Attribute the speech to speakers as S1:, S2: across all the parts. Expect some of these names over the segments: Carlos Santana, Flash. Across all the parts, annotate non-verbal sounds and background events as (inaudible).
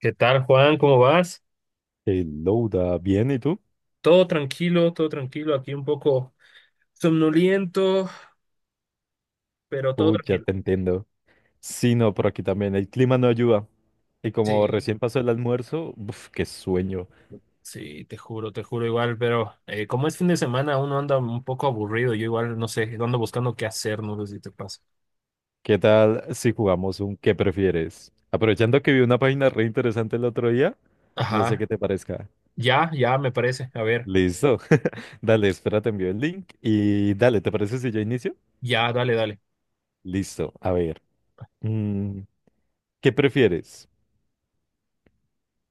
S1: ¿Qué tal, Juan? ¿Cómo vas?
S2: Louda, bien, ¿y tú?
S1: Todo tranquilo, todo tranquilo. Aquí un poco somnoliento, pero todo
S2: Uy, ya
S1: tranquilo.
S2: te entiendo. Sí, no, por aquí también el clima no ayuda. Y como
S1: Sí,
S2: recién pasó el almuerzo, uf, qué sueño.
S1: sí, te juro igual, pero como es fin de semana, uno anda un poco aburrido. Yo igual, no sé, ando buscando qué hacer, no sé si te pasa.
S2: ¿Qué tal si jugamos un ¿qué prefieres? Aprovechando que vi una página re interesante el otro día, no sé
S1: Ajá,
S2: qué te parezca.
S1: ya, ya, me parece. A ver,
S2: Listo. (laughs) Dale, espera, te envío el link y dale, ¿te parece si yo inicio?
S1: ya, dale, dale.
S2: Listo, a ver. mm, ¿Qué prefieres?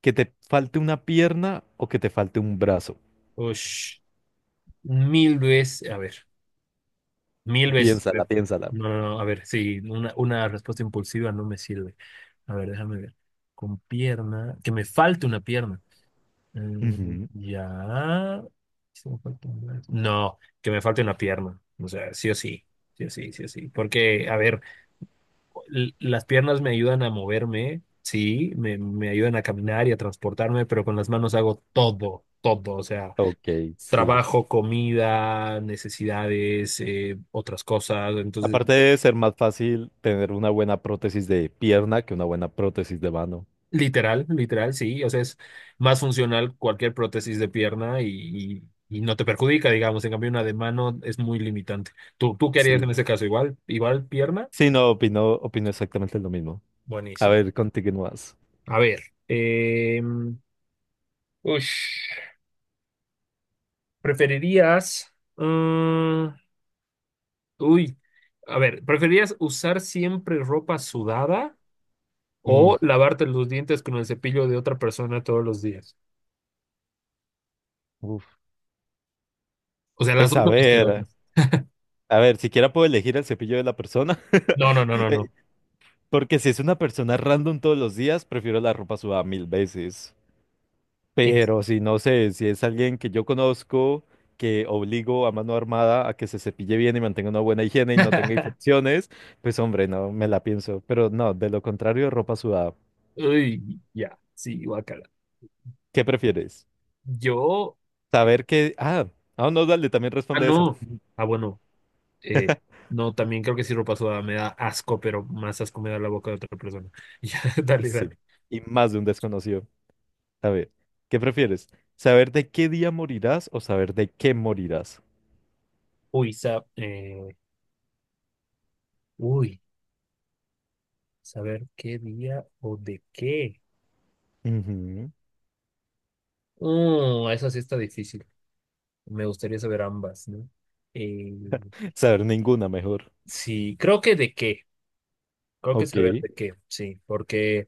S2: ¿Que te falte una pierna o que te falte un brazo?
S1: Ush, mil veces, a ver, mil veces. A
S2: Piénsala,
S1: ver.
S2: piénsala.
S1: No, no, no, a ver, sí, una respuesta impulsiva no me sirve. A ver, déjame ver. Con pierna, que me falte una pierna. Mm,
S2: Ujú.
S1: ya. Sí, me falta un brazo. No, que me falte una pierna. O sea, sí o sí. Sí o sí, sí o sí. Porque, a ver, las piernas me ayudan a moverme, sí, me ayudan a caminar y a transportarme, pero con las manos hago todo, todo. O sea,
S2: Ok, sí.
S1: trabajo, comida, necesidades, otras cosas. Entonces,
S2: Aparte de ser más fácil tener una buena prótesis de pierna que una buena prótesis de mano.
S1: literal, literal, sí. O sea, es más funcional cualquier prótesis de pierna y- y no te perjudica, digamos. En cambio, una de mano es muy limitante. ¿Tú qué harías
S2: Sí.
S1: en ese caso? ¿Igual, igual pierna?
S2: Sí, no, opino exactamente lo mismo. A
S1: Buenísimo.
S2: ver, continúas.
S1: A ver. eh, ush, ¿Preferirías... uy. A ver, ¿preferirías usar siempre ropa sudada
S2: Mm,
S1: o lavarte los dientes con el cepillo de otra persona todos los días?
S2: uf.
S1: O sea, las
S2: Pues
S1: dos son asquerosas.
S2: a ver, siquiera puedo elegir el cepillo de la persona.
S1: No, no, no,
S2: (laughs)
S1: no,
S2: Eh,
S1: no.
S2: Porque si es una persona random todos los días, prefiero la ropa sudada mil veces.
S1: It's-
S2: Pero si no sé, si es alguien que yo conozco, que obligo a mano armada a que se cepille bien y mantenga una buena higiene y no tenga
S1: (laughs)
S2: infecciones, pues hombre, no me la pienso. Pero no, de lo contrario, ropa sudada.
S1: Uy, ya, sí, guacala.
S2: ¿Qué prefieres?
S1: Yo, eh,
S2: Saber que... Ah, ah, no, dale, también
S1: ah,
S2: responde esa.
S1: no.
S2: (laughs)
S1: Ah, bueno, eh, no, también creo que sí ropa sudada me da asco, pero más asco me da la boca de otra persona. (laughs) Ya, dale,
S2: Sí,
S1: dale.
S2: y más de un desconocido. A ver, ¿qué prefieres? ¿Saber de qué día morirás o saber de qué morirás?
S1: Uy, uy, saber qué día o de qué.
S2: Ujú.
S1: Eso sí está difícil. Me gustaría saber ambas, ¿no? Eh,
S2: Saber ninguna mejor.
S1: sí, creo que de qué. Creo que
S2: Ok,
S1: saber de qué, sí, porque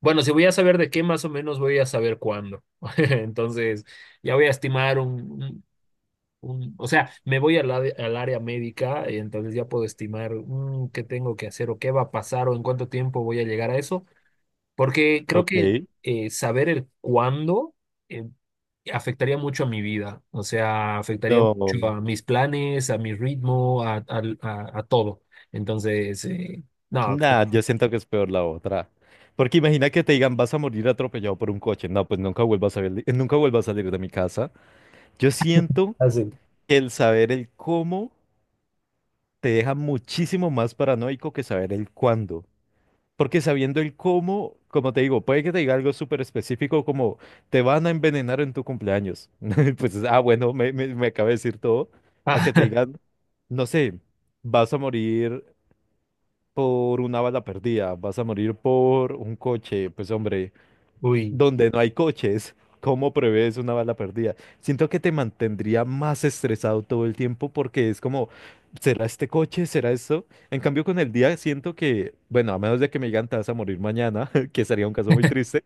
S1: bueno, si voy a saber de qué, más o menos voy a saber cuándo. (laughs) Entonces, ya voy a estimar o sea, me voy al área médica y entonces ya puedo estimar qué tengo que hacer o qué va a pasar o en cuánto tiempo voy a llegar a eso, porque creo que
S2: ok.
S1: saber el cuándo eh, afectaría mucho a mi vida, o sea, afectaría mucho
S2: No.
S1: a mis planes, a mi ritmo, a todo. Entonces, no, (laughs)
S2: Nah,
S1: así,
S2: yo siento que es peor la otra. Porque imagina que te digan, vas a morir atropellado por un coche. No, pues nunca vuelvas a salir, nunca vuelvas a salir de mi casa. Yo siento
S1: (laughs)
S2: que el saber el cómo te deja muchísimo más paranoico que saber el cuándo. Porque sabiendo el cómo, como te digo, puede que te diga algo súper específico como te van a envenenar en tu cumpleaños. (laughs) Pues, ah, bueno, me acaba de decir todo. A
S1: ah,
S2: que
S1: sí.
S2: te
S1: Ah,
S2: digan, no sé, vas a morir por una bala perdida, vas a morir por un coche. Pues hombre,
S1: uy.
S2: donde no hay coches. ¿Cómo prevés una bala perdida? Siento que te mantendría más estresado todo el tiempo porque es como, ¿será este coche? ¿Será esto? En cambio, con el día siento que, bueno, a menos de que me digan te vas a morir mañana, (laughs) que sería un caso muy triste,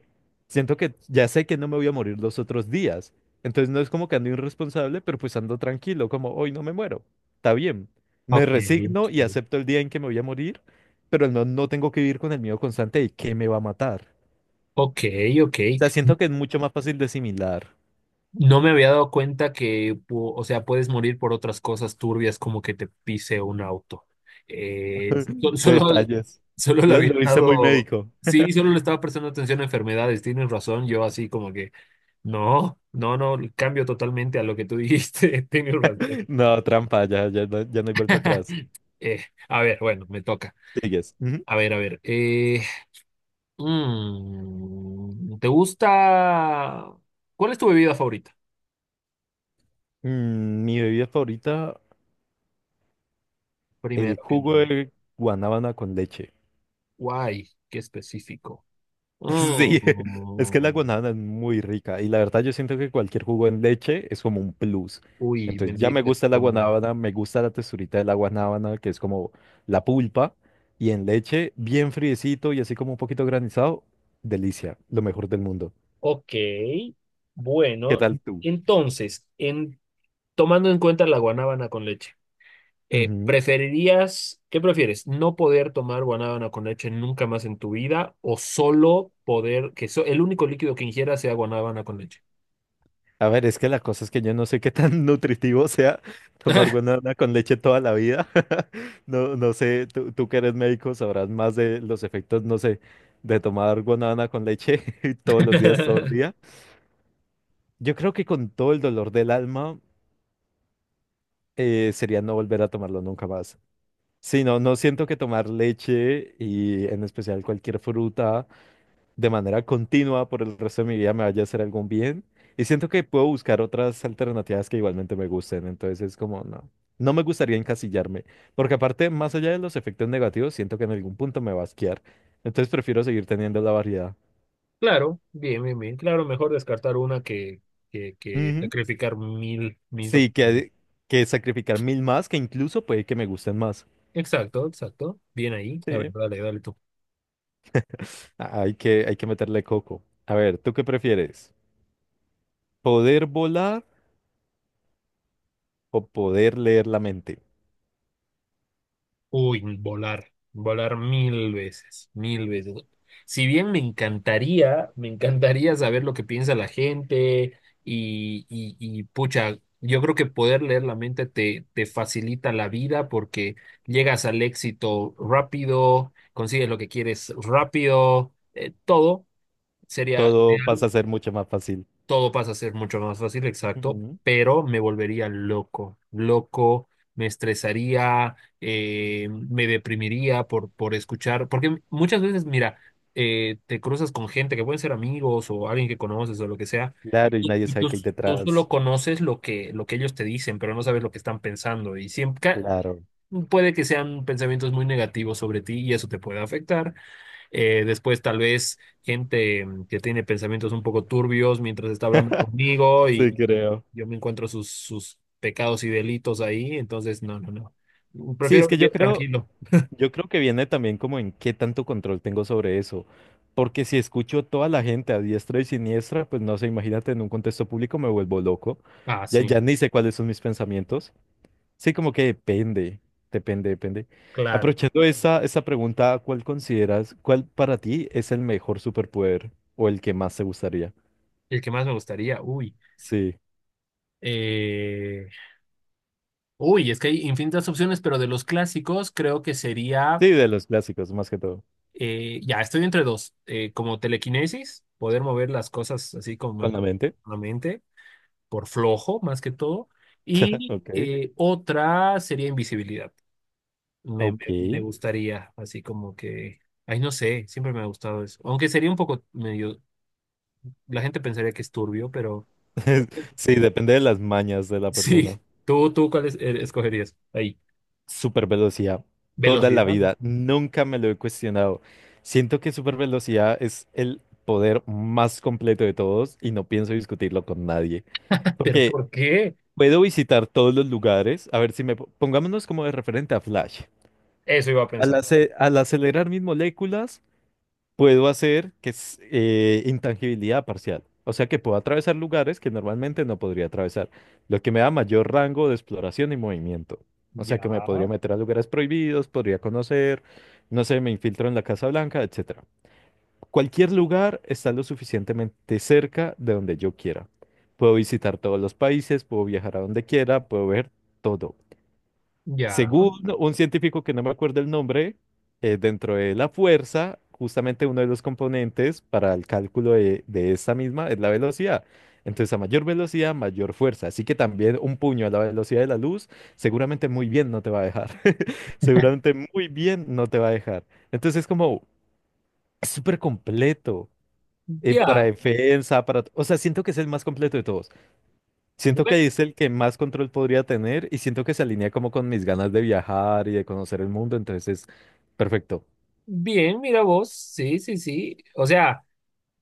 S2: siento que ya sé que no me voy a morir los otros días. Entonces no es como que ando irresponsable, pero pues ando tranquilo, como hoy no me muero. Está bien. Me
S1: Ok, ok,
S2: resigno y acepto el día en que me voy a morir, pero no, no tengo que vivir con el miedo constante de qué me va a matar
S1: ok. Ok.
S2: sea, siento que es mucho más fácil de asimilar.
S1: No me había dado cuenta que, o sea, puedes morir por otras cosas turbias como que te pise un auto.
S2: (laughs)
S1: Solo,
S2: Detalles.
S1: solo le
S2: Lo,
S1: había
S2: lo hice muy
S1: estado,
S2: médico.
S1: sí, solo le estaba prestando atención a enfermedades. Tienes razón, yo así como que, no, no, no, cambio totalmente a lo que tú dijiste. (laughs) Tienes razón.
S2: No, trampa, ya, ya, no, ya no hay vuelta atrás.
S1: (laughs) Eh, a ver, bueno, me toca.
S2: Sigues. Ujú.
S1: A ver, a ver. ¿Te gusta? ¿Cuál es tu bebida favorita?
S2: Mm, mi bebida favorita, el
S1: Primero que
S2: jugo
S1: nada.
S2: de guanábana con leche.
S1: Guay, qué específico.
S2: Sí, (laughs) es que la
S1: Mm.
S2: guanábana es muy rica y la verdad yo siento que cualquier jugo en leche es como un plus.
S1: Uy,
S2: Entonces ya me
S1: bendito
S2: gusta la
S1: estómago.
S2: guanábana, me gusta la texturita de la guanábana, que es como la pulpa, y en leche bien friecito y así como un poquito granizado, delicia, lo mejor del mundo.
S1: Ok,
S2: ¿Qué
S1: bueno,
S2: tal tú?
S1: entonces, tomando en cuenta la guanábana con leche,
S2: Ujú.
S1: ¿preferirías, qué prefieres, no poder tomar guanábana con leche nunca más en tu vida o solo poder, que el único líquido que ingieras sea guanábana con leche?
S2: A ver, es que la cosa es que yo no sé qué tan nutritivo sea tomar guanábana con leche toda la vida. (laughs) No, no sé, tú que eres médico sabrás más de los efectos, no sé, de tomar guanábana con leche (laughs) todos los días, todo el día.
S1: (laughs)
S2: Yo creo que con todo el dolor del alma sería no volver a tomarlo nunca más. Sí, no, no siento que tomar leche y en especial cualquier fruta de manera continua por el resto de mi vida me vaya a hacer algún bien. Y siento que puedo buscar otras alternativas que igualmente me gusten. Entonces es como, no, no me gustaría encasillarme. Porque aparte, más allá de los efectos negativos, siento que en algún punto me va a asquear. Entonces prefiero seguir teniendo la variedad.
S1: Claro, bien, bien, bien. Claro, mejor descartar una que
S2: Ujú.
S1: sacrificar mil, mil
S2: Sí,
S1: opciones.
S2: que sacrificar mil más, que incluso puede que me gusten más.
S1: Exacto, exacto. Bien ahí. A ver,
S2: Sí.
S1: dale, dale tú.
S2: A- Hay que meterle coco. A ver, ¿tú qué prefieres? ¿Poder volar o poder leer la mente?
S1: Uy, volar. Volar mil veces, mil veces. Si bien me encantaría saber lo que piensa la gente y pucha, yo creo que poder leer la mente te facilita la vida porque llegas al éxito rápido, consigues lo que quieres rápido, todo sería
S2: Todo
S1: ideal.
S2: pasa a ser mucho más fácil.
S1: Todo pasa a ser mucho más fácil, exacto, pero me volvería loco, loco, me estresaría, me deprimiría por escuchar, porque muchas veces, mira, te cruzas con gente que pueden ser amigos o alguien que conoces o lo que sea,
S2: Claro, y nadie
S1: y
S2: sabe
S1: tú,
S2: qué hay
S1: tú solo
S2: detrás.
S1: conoces lo que ellos te dicen, pero no sabes lo que están pensando, y
S2: Claro.
S1: puede que sean pensamientos muy negativos sobre ti y eso te puede afectar. Después tal vez gente que tiene pensamientos un poco turbios mientras está hablando conmigo
S2: Sí, creo.
S1: yo me encuentro sus, sus pecados y delitos ahí, entonces no, no, no.
S2: Sí, es
S1: Prefiero
S2: que
S1: vivir tranquilo.
S2: yo creo que viene también como en qué tanto control tengo sobre eso. Porque si escucho toda la gente a diestra y siniestra, pues no sé, imagínate en un contexto público me vuelvo loco.
S1: Ah,
S2: Ya,
S1: sí,
S2: ya ni sé cuáles son mis pensamientos. Sí, como que depende, depende, depende.
S1: claro.
S2: Aprovechando esa, esa pregunta, ¿cuál consideras, cuál para ti es el mejor superpoder o el que más te gustaría?
S1: El que más me gustaría, uy.
S2: Sí,
S1: Eh, uy, es que hay infinitas opciones, pero de los clásicos creo que sería,
S2: sí, de los clásicos, más que todo.
S1: ya, estoy entre dos, como telequinesis, poder mover las cosas así como
S2: ¿Con la
S1: con
S2: mente?
S1: la mente por flojo más que todo.
S2: (laughs)
S1: Y
S2: Ok.
S1: otra sería invisibilidad.
S2: Ok.
S1: Me gustaría, así como que, ay, no sé, siempre me ha gustado eso. Aunque sería un poco medio, la gente pensaría que es turbio, pero
S2: (laughs)
S1: (laughs)
S2: Sí, depende de las mañas de la persona.
S1: sí, ¿cuál escogerías? Ahí,
S2: Super velocidad. Toda la
S1: velocidad.
S2: vida. Nunca me lo he cuestionado. Siento que super velocidad es el poder más completo de todos y no pienso discutirlo con nadie.
S1: ¿Pero
S2: Porque
S1: por qué?
S2: puedo visitar todos los lugares. A ver si me... po- Pongámonos como de referente a Flash.
S1: Eso iba a
S2: Al,
S1: pensar. Ok,
S2: ace- al acelerar mis moléculas, puedo hacer que es intangibilidad parcial. O sea que puedo atravesar lugares que normalmente no podría atravesar, lo que me da mayor rango de exploración y movimiento. O sea
S1: ya,
S2: que me podría meter a lugares prohibidos, podría conocer, no sé, me infiltro en la Casa Blanca, etcétera. Cualquier lugar está lo suficientemente cerca de donde yo quiera. Puedo visitar todos los países, puedo viajar a donde quiera, puedo ver todo.
S1: ya,
S2: Según un científico que no me acuerdo el nombre, dentro de la fuerza, justamente uno de los componentes para el cálculo de esa misma es la velocidad. Entonces, a mayor velocidad, mayor fuerza. Así que también un puño a la velocidad de la luz, seguramente muy bien no te va a dejar. (laughs) Seguramente muy bien no te va a dejar. Entonces, es como es súper completo. Para
S1: ya.
S2: defensa, para... O sea, siento que es el más completo de todos. Siento
S1: Bueno,
S2: que es el que más control podría tener y siento que se alinea como con mis ganas de viajar y de conocer el mundo, entonces es perfecto.
S1: bien, mira vos, sí, sí, sí. O sea.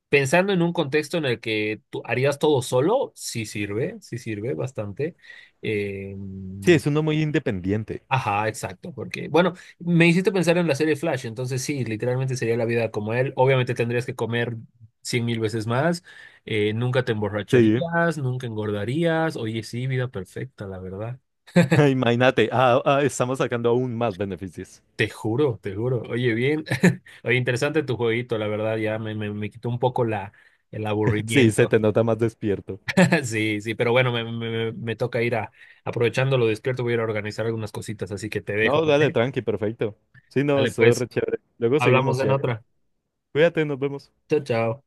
S1: Pensando en un contexto en el que tú harías todo solo, sí sirve bastante. Eh,
S2: Sí, es uno muy independiente.
S1: ajá, exacto, porque, bueno, me hiciste pensar en la serie Flash, entonces sí, literalmente sería la vida como él. Obviamente tendrías que comer cien mil veces más, nunca te
S2: Sí.
S1: emborracharías, nunca engordarías. Oye, sí, vida perfecta, la verdad.
S2: (laughs) Imagínate, ah, ah, estamos sacando aún más beneficios.
S1: Te juro, te juro. Oye, bien, (laughs) oye, interesante tu jueguito, la verdad, ya me quitó un poco la, el
S2: (laughs) Sí, se
S1: aburrimiento.
S2: te nota más despierto.
S1: (laughs) Sí, sí, pero bueno, me toca ir a, aprovechando lo despierto, voy a ir a organizar algunas cositas, así que te dejo,
S2: No, dale,
S1: ¿vale?
S2: tranqui, perfecto. Sí, no,
S1: Vale,
S2: eso es
S1: pues,
S2: re chévere. Luego
S1: hablamos
S2: seguimos y
S1: en
S2: algo.
S1: otra.
S2: Cuídate, nos vemos.
S1: Chao, chao.